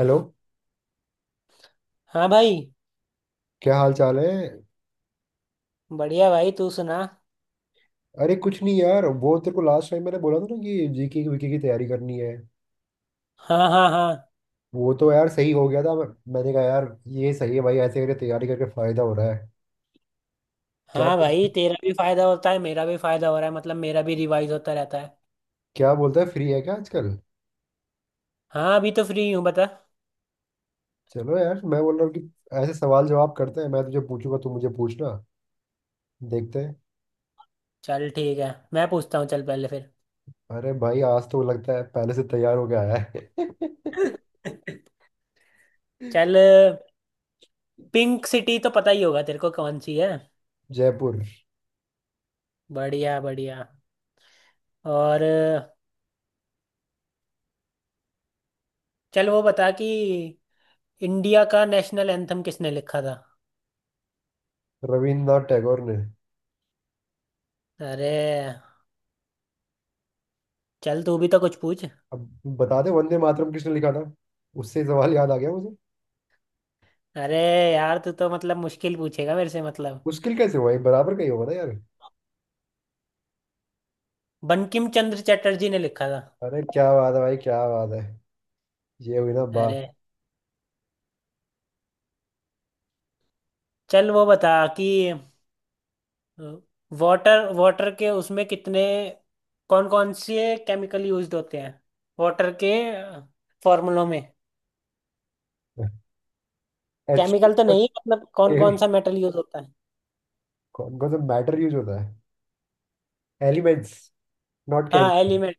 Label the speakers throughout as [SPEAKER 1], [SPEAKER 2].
[SPEAKER 1] Hello.
[SPEAKER 2] हाँ भाई।
[SPEAKER 1] क्या हाल चाल है?
[SPEAKER 2] बढ़िया भाई, तू सुना।
[SPEAKER 1] अरे कुछ नहीं यार, वो तेरे को लास्ट टाइम मैंने बोला था ना कि जीके की वीके की तैयारी करनी है।
[SPEAKER 2] हाँ, हाँ, हाँ।
[SPEAKER 1] वो तो यार सही हो गया था, मैंने कहा यार, ये सही है भाई, ऐसे करके तैयारी करके फायदा हो रहा है। क्या
[SPEAKER 2] हाँ भाई,
[SPEAKER 1] बोल-
[SPEAKER 2] तेरा भी फायदा होता है, मेरा भी फायदा हो रहा है, मतलब मेरा भी रिवाइज होता रहता है।
[SPEAKER 1] क्या बोलता है, फ्री है क्या आजकल?
[SPEAKER 2] हाँ, अभी तो फ्री हूँ, बता।
[SPEAKER 1] चलो यार, मैं बोल रहा हूँ कि ऐसे सवाल जवाब करते हैं, मैं तुझे पूछूंगा तू मुझे पूछना, देखते हैं।
[SPEAKER 2] चल ठीक है, मैं पूछता हूँ, चल पहले फिर।
[SPEAKER 1] अरे भाई, आज तो लगता है पहले से तैयार होके आया है।
[SPEAKER 2] चल, पिंक सिटी तो पता ही होगा तेरे को, कौन सी है।
[SPEAKER 1] जयपुर।
[SPEAKER 2] बढ़िया, बढ़िया। और चल, वो बता कि इंडिया का नेशनल एंथम किसने लिखा था।
[SPEAKER 1] रविन्द्रनाथ टैगोर ने।
[SPEAKER 2] अरे चल तू भी तो कुछ पूछ।
[SPEAKER 1] अब बता दे, वंदे मातरम किसने लिखा था। उससे सवाल याद आ गया।
[SPEAKER 2] अरे यार, तू तो मतलब मुश्किल पूछेगा मेरे से, मतलब।
[SPEAKER 1] मुश्किल कैसे हुआ, ये बराबर का ही होगा ना यार।
[SPEAKER 2] बंकिम चंद्र चटर्जी ने लिखा था।
[SPEAKER 1] अरे क्या बात है भाई, क्या बात है। ये हुई ना बात।
[SPEAKER 2] अरे चल, वो बता कि वाटर वाटर के उसमें कितने, कौन कौन से केमिकल यूज्ड होते हैं, वाटर के फॉर्मूलों में।
[SPEAKER 1] एच।
[SPEAKER 2] केमिकल तो नहीं, मतलब कौन कौन
[SPEAKER 1] के।
[SPEAKER 2] सा मेटल यूज होता है।
[SPEAKER 1] कौन कौन सा मैटर यूज होता है? Elements, not chem.
[SPEAKER 2] हाँ एलिमेंट।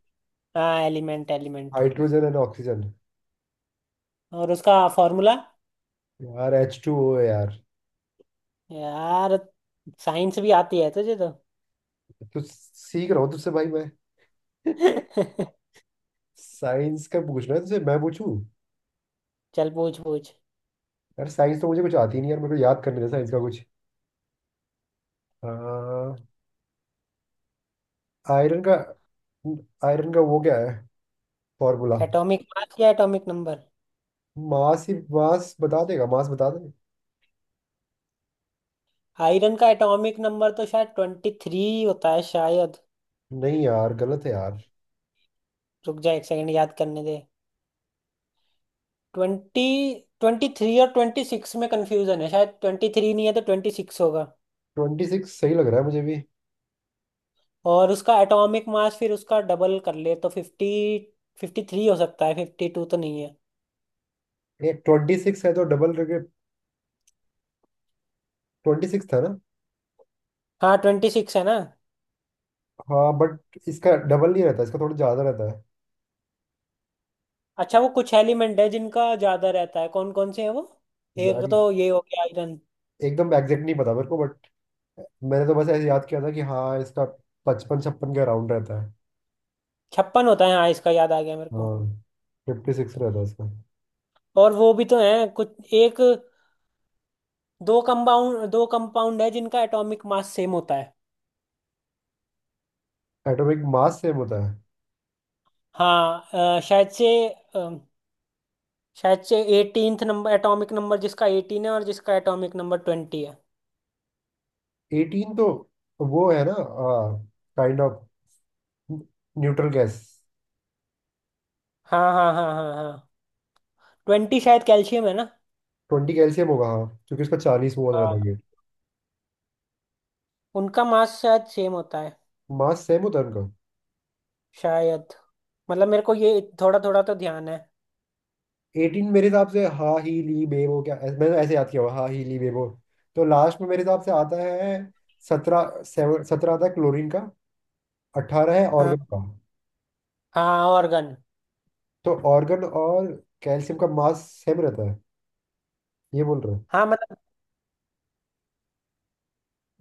[SPEAKER 2] हाँ element element.
[SPEAKER 1] Hydrogen and oxygen.
[SPEAKER 2] और उसका फॉर्मूला।
[SPEAKER 1] यार एच टू ओ है यार।
[SPEAKER 2] यार साइंस भी आती है तुझे तो।
[SPEAKER 1] तो सीख रहा हूँ तुझसे भाई मैं। साइंस का पूछना है तुझसे, मैं पूछूं?
[SPEAKER 2] चल, पूछ पूछ।
[SPEAKER 1] यार साइंस तो मुझे कुछ आती नहीं यार, मेरे को याद करने दे साइंस का कुछ। आयरन का, आयरन का वो क्या है, फॉर्मूला?
[SPEAKER 2] एटॉमिक मास या एटॉमिक नंबर।
[SPEAKER 1] मास ही, मास बता देगा, मास बता दे।
[SPEAKER 2] आयरन का एटॉमिक नंबर तो शायद 23 होता है शायद।
[SPEAKER 1] नहीं यार, गलत है यार।
[SPEAKER 2] रुक जा 1 सेकंड, याद करने दे। ट्वेंटी ट्वेंटी थ्री और 26 में कंफ्यूजन है, शायद 23 नहीं है तो 26 होगा।
[SPEAKER 1] 26 सही लग रहा है मुझे भी।
[SPEAKER 2] और उसका एटॉमिक मास फिर उसका डबल कर ले तो 50, 53 हो सकता है, 52 तो नहीं है।
[SPEAKER 1] ये ट्वेंटी सिक्स है तो डबल करके, ट्वेंटी सिक्स था ना?
[SPEAKER 2] हाँ, 26 है ना।
[SPEAKER 1] हाँ, बट इसका डबल नहीं रहता, इसका थोड़ा ज़्यादा रहता है।
[SPEAKER 2] अच्छा, वो कुछ एलिमेंट है जिनका ज्यादा रहता है, कौन कौन से हैं वो। एक
[SPEAKER 1] यार ये-
[SPEAKER 2] तो ये हो गया आयरन।
[SPEAKER 1] एकदम एग्जैक्ट नहीं पता मेरे को, बट मैंने तो बस ऐसे याद किया था कि हाँ, इसका पचपन छप्पन के अराउंड रहता है।
[SPEAKER 2] 56 होता है हाँ, इसका याद आ गया मेरे को।
[SPEAKER 1] हाँ। 56 रहता है इसका।
[SPEAKER 2] और वो भी तो है कुछ एक, दो कंपाउंड, दो कंपाउंड है जिनका एटॉमिक मास सेम होता है।
[SPEAKER 1] एटॉमिक मास सेम होता है।
[SPEAKER 2] हाँ, शायद से, शायद से 18वां नंबर, एटॉमिक नंबर जिसका 18 है और जिसका एटॉमिक नंबर 20 है।
[SPEAKER 1] एटीन तो वो है ना, काइंड ऑफ न्यूट्रल गैस।
[SPEAKER 2] हाँ, हाँ, हाँ, हाँ, हाँ। ट्वेंटी शायद कैल्शियम है ना।
[SPEAKER 1] 20 कैल्शियम होगा हाँ, क्योंकि उसका 40 मोल रहता
[SPEAKER 2] हाँ,
[SPEAKER 1] है।
[SPEAKER 2] उनका मास शायद सेम होता है।
[SPEAKER 1] मास सेम होता है उनका।
[SPEAKER 2] शायद मतलब मेरे को ये थोड़ा थोड़ा तो ध्यान है।
[SPEAKER 1] एटीन मेरे हिसाब से हा ही ली बेबो, मैंने ऐसे याद किया हुआ हा ही ली बेबो, तो लास्ट में मेरे हिसाब से आता है 17, सेवन सत्रह आता है क्लोरीन का। 18 है
[SPEAKER 2] हाँ,
[SPEAKER 1] ऑर्गन का।
[SPEAKER 2] हाँ ऑर्गन।
[SPEAKER 1] तो ऑर्गन और कैल्शियम का मास सेम रहता है, ये बोल रहे हैं।
[SPEAKER 2] हाँ, मतलब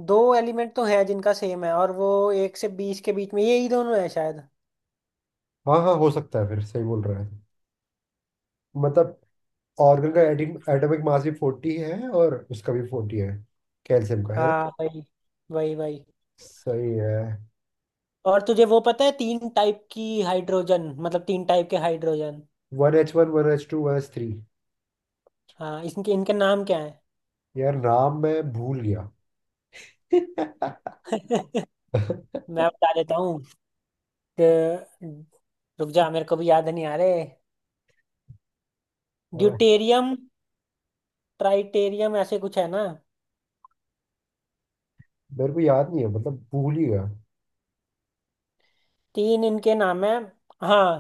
[SPEAKER 2] दो एलिमेंट तो है जिनका सेम है, और वो एक से 20 के बीच में यही दोनों है शायद।
[SPEAKER 1] हाँ, हाँ हो सकता है फिर, सही बोल रहा है। मतलब ऑर्गन का एटिन एटॉमिक मास भी 40 है और उसका भी 40 है, कैल्शियम का, है ना?
[SPEAKER 2] हाँ, वही वही वही।
[SPEAKER 1] सही है।
[SPEAKER 2] और तुझे वो पता है, तीन टाइप की हाइड्रोजन, मतलब तीन टाइप के hydrogen.
[SPEAKER 1] One H one, one H two, one H three.
[SPEAKER 2] हाँ, इनके इनके नाम क्या है।
[SPEAKER 1] यार नाम मैं भूल गया।
[SPEAKER 2] मैं बता देता हूँ। ड- रुक जा, मेरे को भी याद नहीं आ रहे। ड्यूटेरियम, ट्राइटेरियम ऐसे कुछ है ना।
[SPEAKER 1] मेरे को याद नहीं है, मतलब भूल ही गया।
[SPEAKER 2] तीन इनके नाम है। हाँ,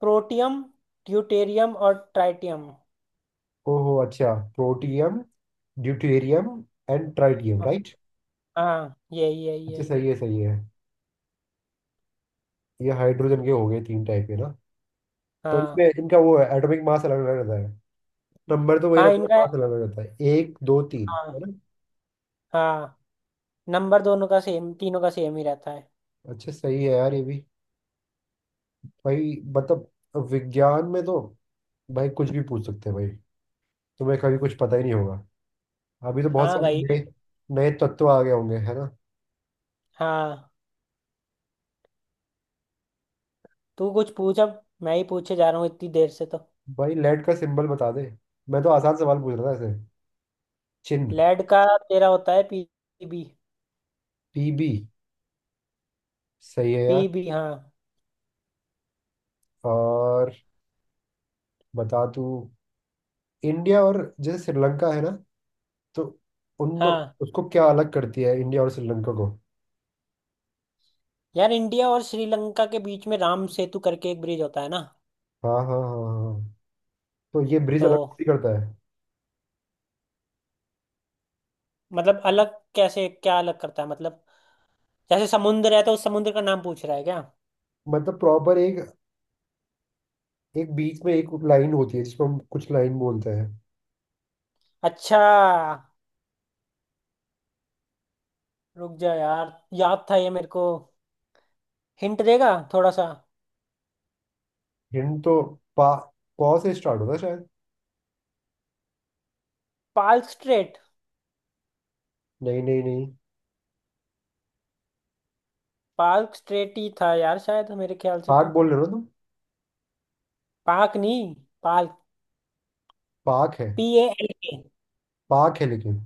[SPEAKER 2] प्रोटियम, ड्यूटेरियम और ट्राइटियम।
[SPEAKER 1] ओहो अच्छा, protium, deuterium and tritium, right.
[SPEAKER 2] हाँ, यही यही
[SPEAKER 1] अच्छा,
[SPEAKER 2] यही।
[SPEAKER 1] सही है सही है। ये हाइड्रोजन के हो गए तीन टाइप के ना। तो
[SPEAKER 2] हाँ,
[SPEAKER 1] इसमें इनका वो है, एटॉमिक मास अलग अलग रहता है, नंबर तो वही
[SPEAKER 2] हाँ
[SPEAKER 1] रहता है,
[SPEAKER 2] इनका।
[SPEAKER 1] मास अलग अलग रहता है, एक दो तीन,
[SPEAKER 2] हाँ,
[SPEAKER 1] है ना?
[SPEAKER 2] हाँ, नंबर दोनों का सेम, तीनों का सेम ही रहता है।
[SPEAKER 1] अच्छा सही है यार ये भी। भाई, मतलब विज्ञान में तो भाई कुछ भी पूछ सकते हैं भाई, तुम्हें कभी कुछ पता ही नहीं होगा। अभी तो बहुत
[SPEAKER 2] हाँ
[SPEAKER 1] सारे
[SPEAKER 2] भाई।
[SPEAKER 1] नए नए तत्व आ गए होंगे, है ना?
[SPEAKER 2] हाँ, तू कुछ पूछ, अब मैं ही पूछे जा रहा हूँ इतनी देर से तो।
[SPEAKER 1] भाई लेड का सिंबल बता दे, मैं तो आसान सवाल पूछ रहा था ऐसे, चिन्ह।
[SPEAKER 2] लेड का तेरा होता है पीबी।
[SPEAKER 1] टीबी। सही है यार।
[SPEAKER 2] पीबी, हाँ।
[SPEAKER 1] और बता तू, इंडिया और जैसे श्रीलंका है ना, तो उन दो,
[SPEAKER 2] हाँ
[SPEAKER 1] उसको क्या अलग करती है, इंडिया और श्रीलंका को?
[SPEAKER 2] यार, इंडिया और श्रीलंका के बीच में राम सेतु करके एक ब्रिज होता है ना।
[SPEAKER 1] हाँ हाँ हाँ हाँ हाँ। तो ये ब्रिज
[SPEAKER 2] तो
[SPEAKER 1] अलग थोड़ी करता है।
[SPEAKER 2] मतलब अलग कैसे, क्या अलग करता है मतलब, जैसे समुद्र है तो उस समुद्र का नाम पूछ रहा है क्या।
[SPEAKER 1] मतलब प्रॉपर एक एक बीच में एक लाइन होती है जिसको हम कुछ लाइन बोलते हैं।
[SPEAKER 2] अच्छा, रुक जा यार, याद था ये मेरे को, हिंट देगा थोड़ा सा।
[SPEAKER 1] हिंड तो पा पौ से स्टार्ट होता है शायद।
[SPEAKER 2] पाल्क स्ट्रेट।
[SPEAKER 1] नहीं नहीं नहीं।
[SPEAKER 2] पाल्क स्ट्रेट ही था यार शायद, मेरे ख्याल से
[SPEAKER 1] पाक
[SPEAKER 2] तो।
[SPEAKER 1] बोल रहे हो ना तुम?
[SPEAKER 2] पाक नहीं, पाल्क।
[SPEAKER 1] पाक है,
[SPEAKER 2] P A L K.
[SPEAKER 1] Pak है लेकिन,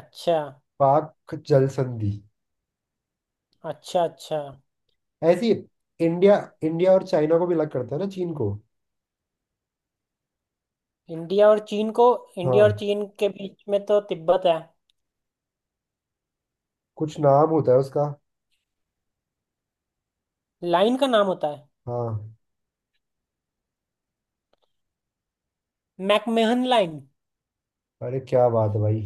[SPEAKER 2] अच्छा,
[SPEAKER 1] पाक जल संधि।
[SPEAKER 2] अच्छा। अच्छा,
[SPEAKER 1] ऐसी। इंडिया, इंडिया और चाइना को भी अलग करता है ना, चीन को?
[SPEAKER 2] इंडिया और चीन को, इंडिया और
[SPEAKER 1] हाँ,
[SPEAKER 2] चीन के बीच में तो तिब्बत है।
[SPEAKER 1] कुछ नाम होता है उसका।
[SPEAKER 2] लाइन का नाम होता है।
[SPEAKER 1] हाँ,
[SPEAKER 2] मैकमेहन लाइन।
[SPEAKER 1] अरे क्या बात है भाई,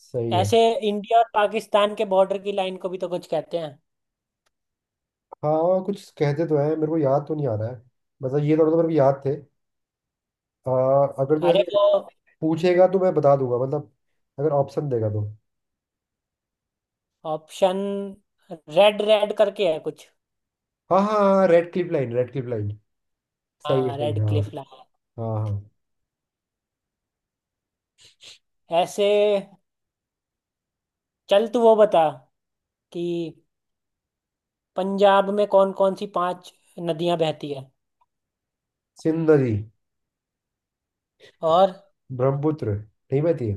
[SPEAKER 1] सही है।
[SPEAKER 2] ऐसे इंडिया और पाकिस्तान के बॉर्डर की लाइन को भी तो कुछ कहते हैं।
[SPEAKER 1] हाँ, और कुछ कहते तो हैं, मेरे को याद तो नहीं आ रहा है। मतलब ये थोड़ा तो मेरे को याद थे। आ, अगर तो
[SPEAKER 2] अरे
[SPEAKER 1] ऐसे
[SPEAKER 2] वो,
[SPEAKER 1] पूछेगा तो मैं बता दूंगा, मतलब अगर ऑप्शन देगा तो।
[SPEAKER 2] ऑप्शन रेड रेड करके है कुछ।
[SPEAKER 1] हाँ हाँ, Radcliffe line, Radcliffe line,
[SPEAKER 2] हाँ,
[SPEAKER 1] सही है,
[SPEAKER 2] रेड
[SPEAKER 1] हाँ।
[SPEAKER 2] Cliff line.
[SPEAKER 1] हाँ हाँ।
[SPEAKER 2] ऐसे चल, तू वो बता कि पंजाब में कौन कौन सी पांच नदियां बहती है।
[SPEAKER 1] सिंध नदी।
[SPEAKER 2] और
[SPEAKER 1] ब्रह्मपुत्र नहीं बहती है?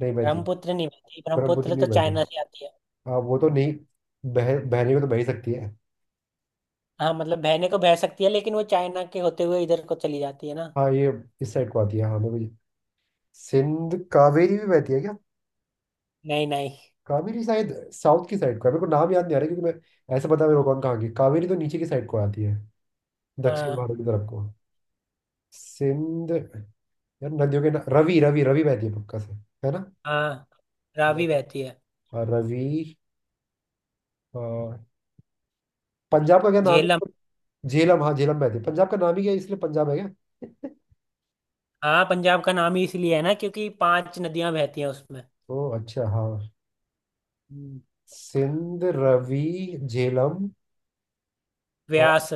[SPEAKER 1] नहीं बहती है।
[SPEAKER 2] ब्रह्मपुत्र नहीं बहती,
[SPEAKER 1] ब्रह्मपुत्र
[SPEAKER 2] ब्रह्मपुत्र
[SPEAKER 1] नहीं
[SPEAKER 2] तो
[SPEAKER 1] बहती।
[SPEAKER 2] चाइना से आती है।
[SPEAKER 1] हाँ वो तो नहीं, बह बहने को तो बह ही सकती है।
[SPEAKER 2] हाँ, मतलब बहने को बह सकती है लेकिन वो चाइना के होते हुए इधर को चली जाती है ना।
[SPEAKER 1] हाँ ये इस साइड को आती है, हाँ सिंध, कावेरी भी बहती है क्या?
[SPEAKER 2] नहीं नहीं।
[SPEAKER 1] कावेरी शायद साउथ की साइड को है, मेरे को नाम याद नहीं आ रहा, क्योंकि मैं ऐसे पता है मेरे को कौन कहाँ की, कावेरी तो नीचे की साइड को आती है, दक्षिण
[SPEAKER 2] हाँ,
[SPEAKER 1] भारत की तरफ को। सिंध। यार नदियों के ना, रवि रवि रवि बहती है पक्का से, है ना?
[SPEAKER 2] हाँ रावी बहती है।
[SPEAKER 1] और रवि, और पंजाब का क्या नाम
[SPEAKER 2] झेलम।
[SPEAKER 1] है, झेलम? हाँ झेलम बहती है, पंजाब का नाम ही क्या है, इसलिए पंजाब है क्या?
[SPEAKER 2] हाँ, पंजाब का नाम ही इसलिए है ना क्योंकि पांच नदियां बहती हैं उसमें।
[SPEAKER 1] ओ अच्छा हाँ।
[SPEAKER 2] हम्म।
[SPEAKER 1] सिंध, रवि, झेलम, और
[SPEAKER 2] व्यास।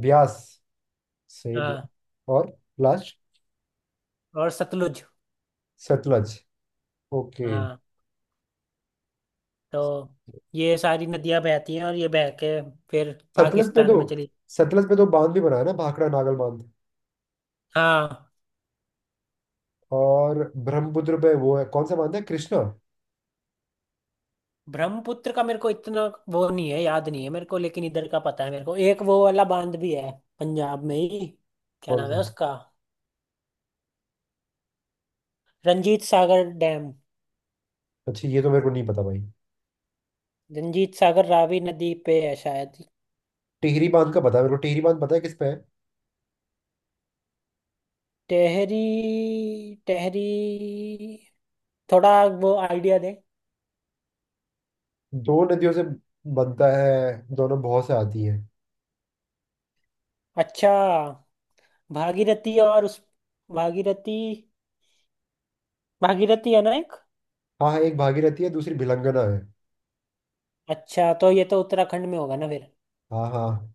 [SPEAKER 1] ब्यास, सही ब्यास,
[SPEAKER 2] हाँ
[SPEAKER 1] और लास्ट,
[SPEAKER 2] और सतलुज।
[SPEAKER 1] सतलज, ओके।
[SPEAKER 2] हाँ, तो ये सारी नदियां बहती हैं और ये बह के फिर
[SPEAKER 1] सतलज पे
[SPEAKER 2] पाकिस्तान
[SPEAKER 1] तो
[SPEAKER 2] में चली।
[SPEAKER 1] सतलज पे तो बांध भी बना है ना, भाखड़ा नागल बांध।
[SPEAKER 2] हाँ,
[SPEAKER 1] और ब्रह्मपुत्र पे वो है, कौन सा बांध है, कृष्णा?
[SPEAKER 2] ब्रह्मपुत्र का मेरे को इतना, वो नहीं है, याद नहीं है मेरे को, लेकिन इधर का पता है मेरे को, एक वो वाला बांध भी है पंजाब में ही। क्या
[SPEAKER 1] कौन
[SPEAKER 2] नाम है
[SPEAKER 1] सा?
[SPEAKER 2] उसका, रंजीत सागर डैम।
[SPEAKER 1] अच्छा ये तो मेरे को नहीं पता भाई।
[SPEAKER 2] रंजीत सागर रावी नदी पे है शायद।
[SPEAKER 1] टिहरी बांध का पता है मेरे को, टिहरी बांध पता है किस पे है?
[SPEAKER 2] टहरी। टहरी। थोड़ा वो आइडिया दे।
[SPEAKER 1] दो नदियों से बनता है, दोनों बहुत से आती है।
[SPEAKER 2] अच्छा, भागीरथी और उस भागीरथी, भागीरथी है ना एक।
[SPEAKER 1] हाँ हाँ, एक भागीरथी है, दूसरी भिलंगना है।
[SPEAKER 2] अच्छा तो ये तो उत्तराखंड में होगा ना फिर।
[SPEAKER 1] हाँ हाँ,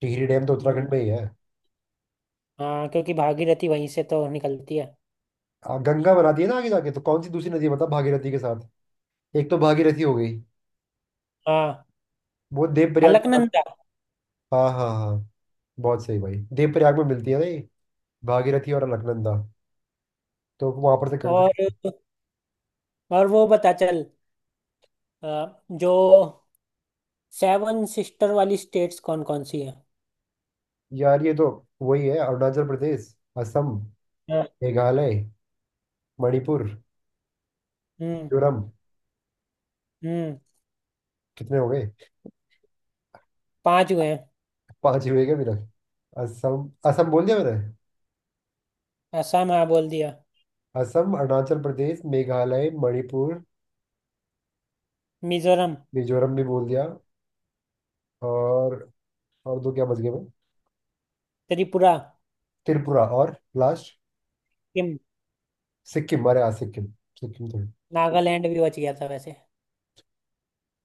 [SPEAKER 1] टिहरी डैम तो उत्तराखंड
[SPEAKER 2] हम्म,
[SPEAKER 1] में ही है।
[SPEAKER 2] हाँ, क्योंकि भागीरथी वहीं से तो निकलती है।
[SPEAKER 1] गंगा बनाती है ना आगे जाके, तो कौन सी दूसरी नदी है बता भागीरथी के साथ, एक तो भागीरथी हो गई,
[SPEAKER 2] हाँ,
[SPEAKER 1] वो देवप्रयाग के साथ-
[SPEAKER 2] अलकनंदा।
[SPEAKER 1] हाँ हाँ हाँ, बहुत सही भाई, देवप्रयाग में मिलती है ना ये, भागीरथी और अलकनंदा, तो वहां पर से गंगा।
[SPEAKER 2] और और वो बता चल, अ, जो सेवन सिस्टर वाली स्टेट्स कौन कौन सी है।
[SPEAKER 1] यार ये तो वही है, अरुणाचल प्रदेश, असम,
[SPEAKER 2] हम्म।
[SPEAKER 1] मेघालय, मणिपुर, मिजोरम।
[SPEAKER 2] हम्म।
[SPEAKER 1] कितने हो गए?
[SPEAKER 2] पांच हुए हैं।
[SPEAKER 1] पांच ही हुए क्या अभी तक? असम, असम बोल दिया मैंने।
[SPEAKER 2] असम, हाँ बोल दिया।
[SPEAKER 1] असम, अरुणाचल प्रदेश, मेघालय, मणिपुर,
[SPEAKER 2] मिजोरम।
[SPEAKER 1] मिजोरम भी बोल दिया। और और दो क्या बच गए मैं।
[SPEAKER 2] त्रिपुरा।
[SPEAKER 1] त्रिपुरा, और लास्ट,
[SPEAKER 2] सिक्किम।
[SPEAKER 1] सिक्किम। अरे हाँ सिक्किम, सिक्किम तो है।
[SPEAKER 2] नागालैंड भी बच गया था वैसे।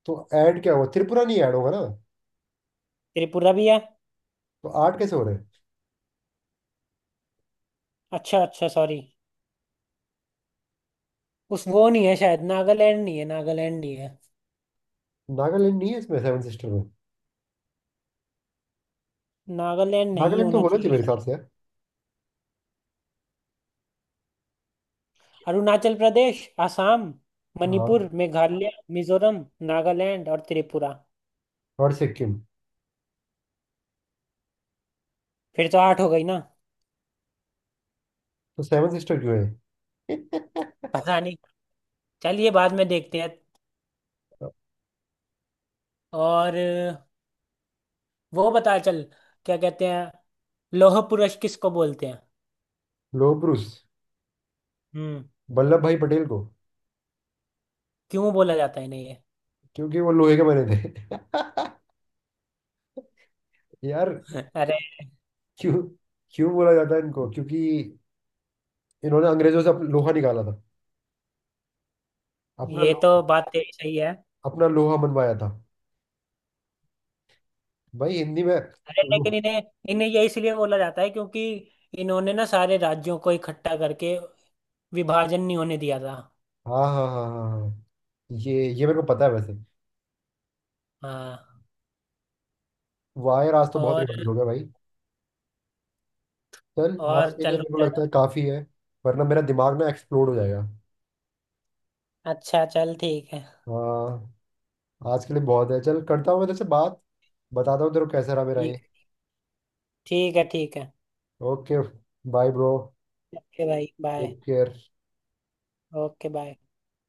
[SPEAKER 1] तो ऐड क्या हुआ, त्रिपुरा नहीं ऐड होगा ना?
[SPEAKER 2] त्रिपुरा भी है।
[SPEAKER 1] तो आठ कैसे हो रहे हैं?
[SPEAKER 2] अच्छा, अच्छा, सॉरी। उस वो नहीं है शायद, नागालैंड नहीं है, नागालैंड नहीं है।
[SPEAKER 1] नागालैंड नहीं है इसमें, सेवन सिस्टर में?
[SPEAKER 2] नागालैंड नहीं
[SPEAKER 1] नागालैंड तो
[SPEAKER 2] होना
[SPEAKER 1] होना चाहिए
[SPEAKER 2] चाहिए
[SPEAKER 1] मेरे
[SPEAKER 2] शायद।
[SPEAKER 1] हिसाब से यार।
[SPEAKER 2] अरुणाचल प्रदेश, आसाम,
[SPEAKER 1] हाँ।
[SPEAKER 2] मणिपुर, मेघालय, मिजोरम, नागालैंड और त्रिपुरा।
[SPEAKER 1] और सिक्किम।
[SPEAKER 2] फिर तो आठ हो गई ना।
[SPEAKER 1] तो सेवन सिस्टर क्यों है?
[SPEAKER 2] पता नहीं, चलिए बाद में देखते हैं।
[SPEAKER 1] लोह
[SPEAKER 2] और वो बता चल, क्या कहते हैं, लौह पुरुष किसको बोलते हैं।
[SPEAKER 1] पुरुष।
[SPEAKER 2] हम्म।
[SPEAKER 1] वल्लभ भाई पटेल को।
[SPEAKER 2] क्यों बोला जाता है इन्हें ये।
[SPEAKER 1] क्योंकि वो लोहे के बने थे। यार,
[SPEAKER 2] अरे,
[SPEAKER 1] क्यों क्यों बोला जाता है इनको, क्योंकि इन्होंने अंग्रेजों से लोहा निकाला था, अपना
[SPEAKER 2] ये तो
[SPEAKER 1] लो,
[SPEAKER 2] बात तेरी सही है।
[SPEAKER 1] अपना लोहा मनवाया था भाई, हिंदी में।
[SPEAKER 2] अरे
[SPEAKER 1] लो-
[SPEAKER 2] लेकिन इन्हें, इन्हें ये इसलिए बोला जाता है क्योंकि इन्होंने ना सारे राज्यों को इकट्ठा करके विभाजन नहीं होने दिया था।
[SPEAKER 1] हाँ हाँ हाँ हाँ हाँ। ये मेरे को पता है वैसे।
[SPEAKER 2] हाँ।
[SPEAKER 1] वायर, आज तो बहुत
[SPEAKER 2] और
[SPEAKER 1] रिवाइज हो गया भाई। चल। आज
[SPEAKER 2] और
[SPEAKER 1] के लिए
[SPEAKER 2] चल रुक
[SPEAKER 1] मेरे को
[SPEAKER 2] जाना।
[SPEAKER 1] लगता है काफी है, वरना मेरा दिमाग ना एक्सप्लोड हो जाएगा।
[SPEAKER 2] अच्छा चल ठीक है।
[SPEAKER 1] हाँ। आज के लिए बहुत है, चल, करता हूँ मैं तेरे से बात, बताता हूँ तेरे को कैसा रहा मेरा
[SPEAKER 2] ठीक
[SPEAKER 1] ये।
[SPEAKER 2] ठीक है ठीक है।
[SPEAKER 1] ओके। Bye bro.
[SPEAKER 2] ओके भाई बाय।
[SPEAKER 1] क्योंकि
[SPEAKER 2] ओके बाय।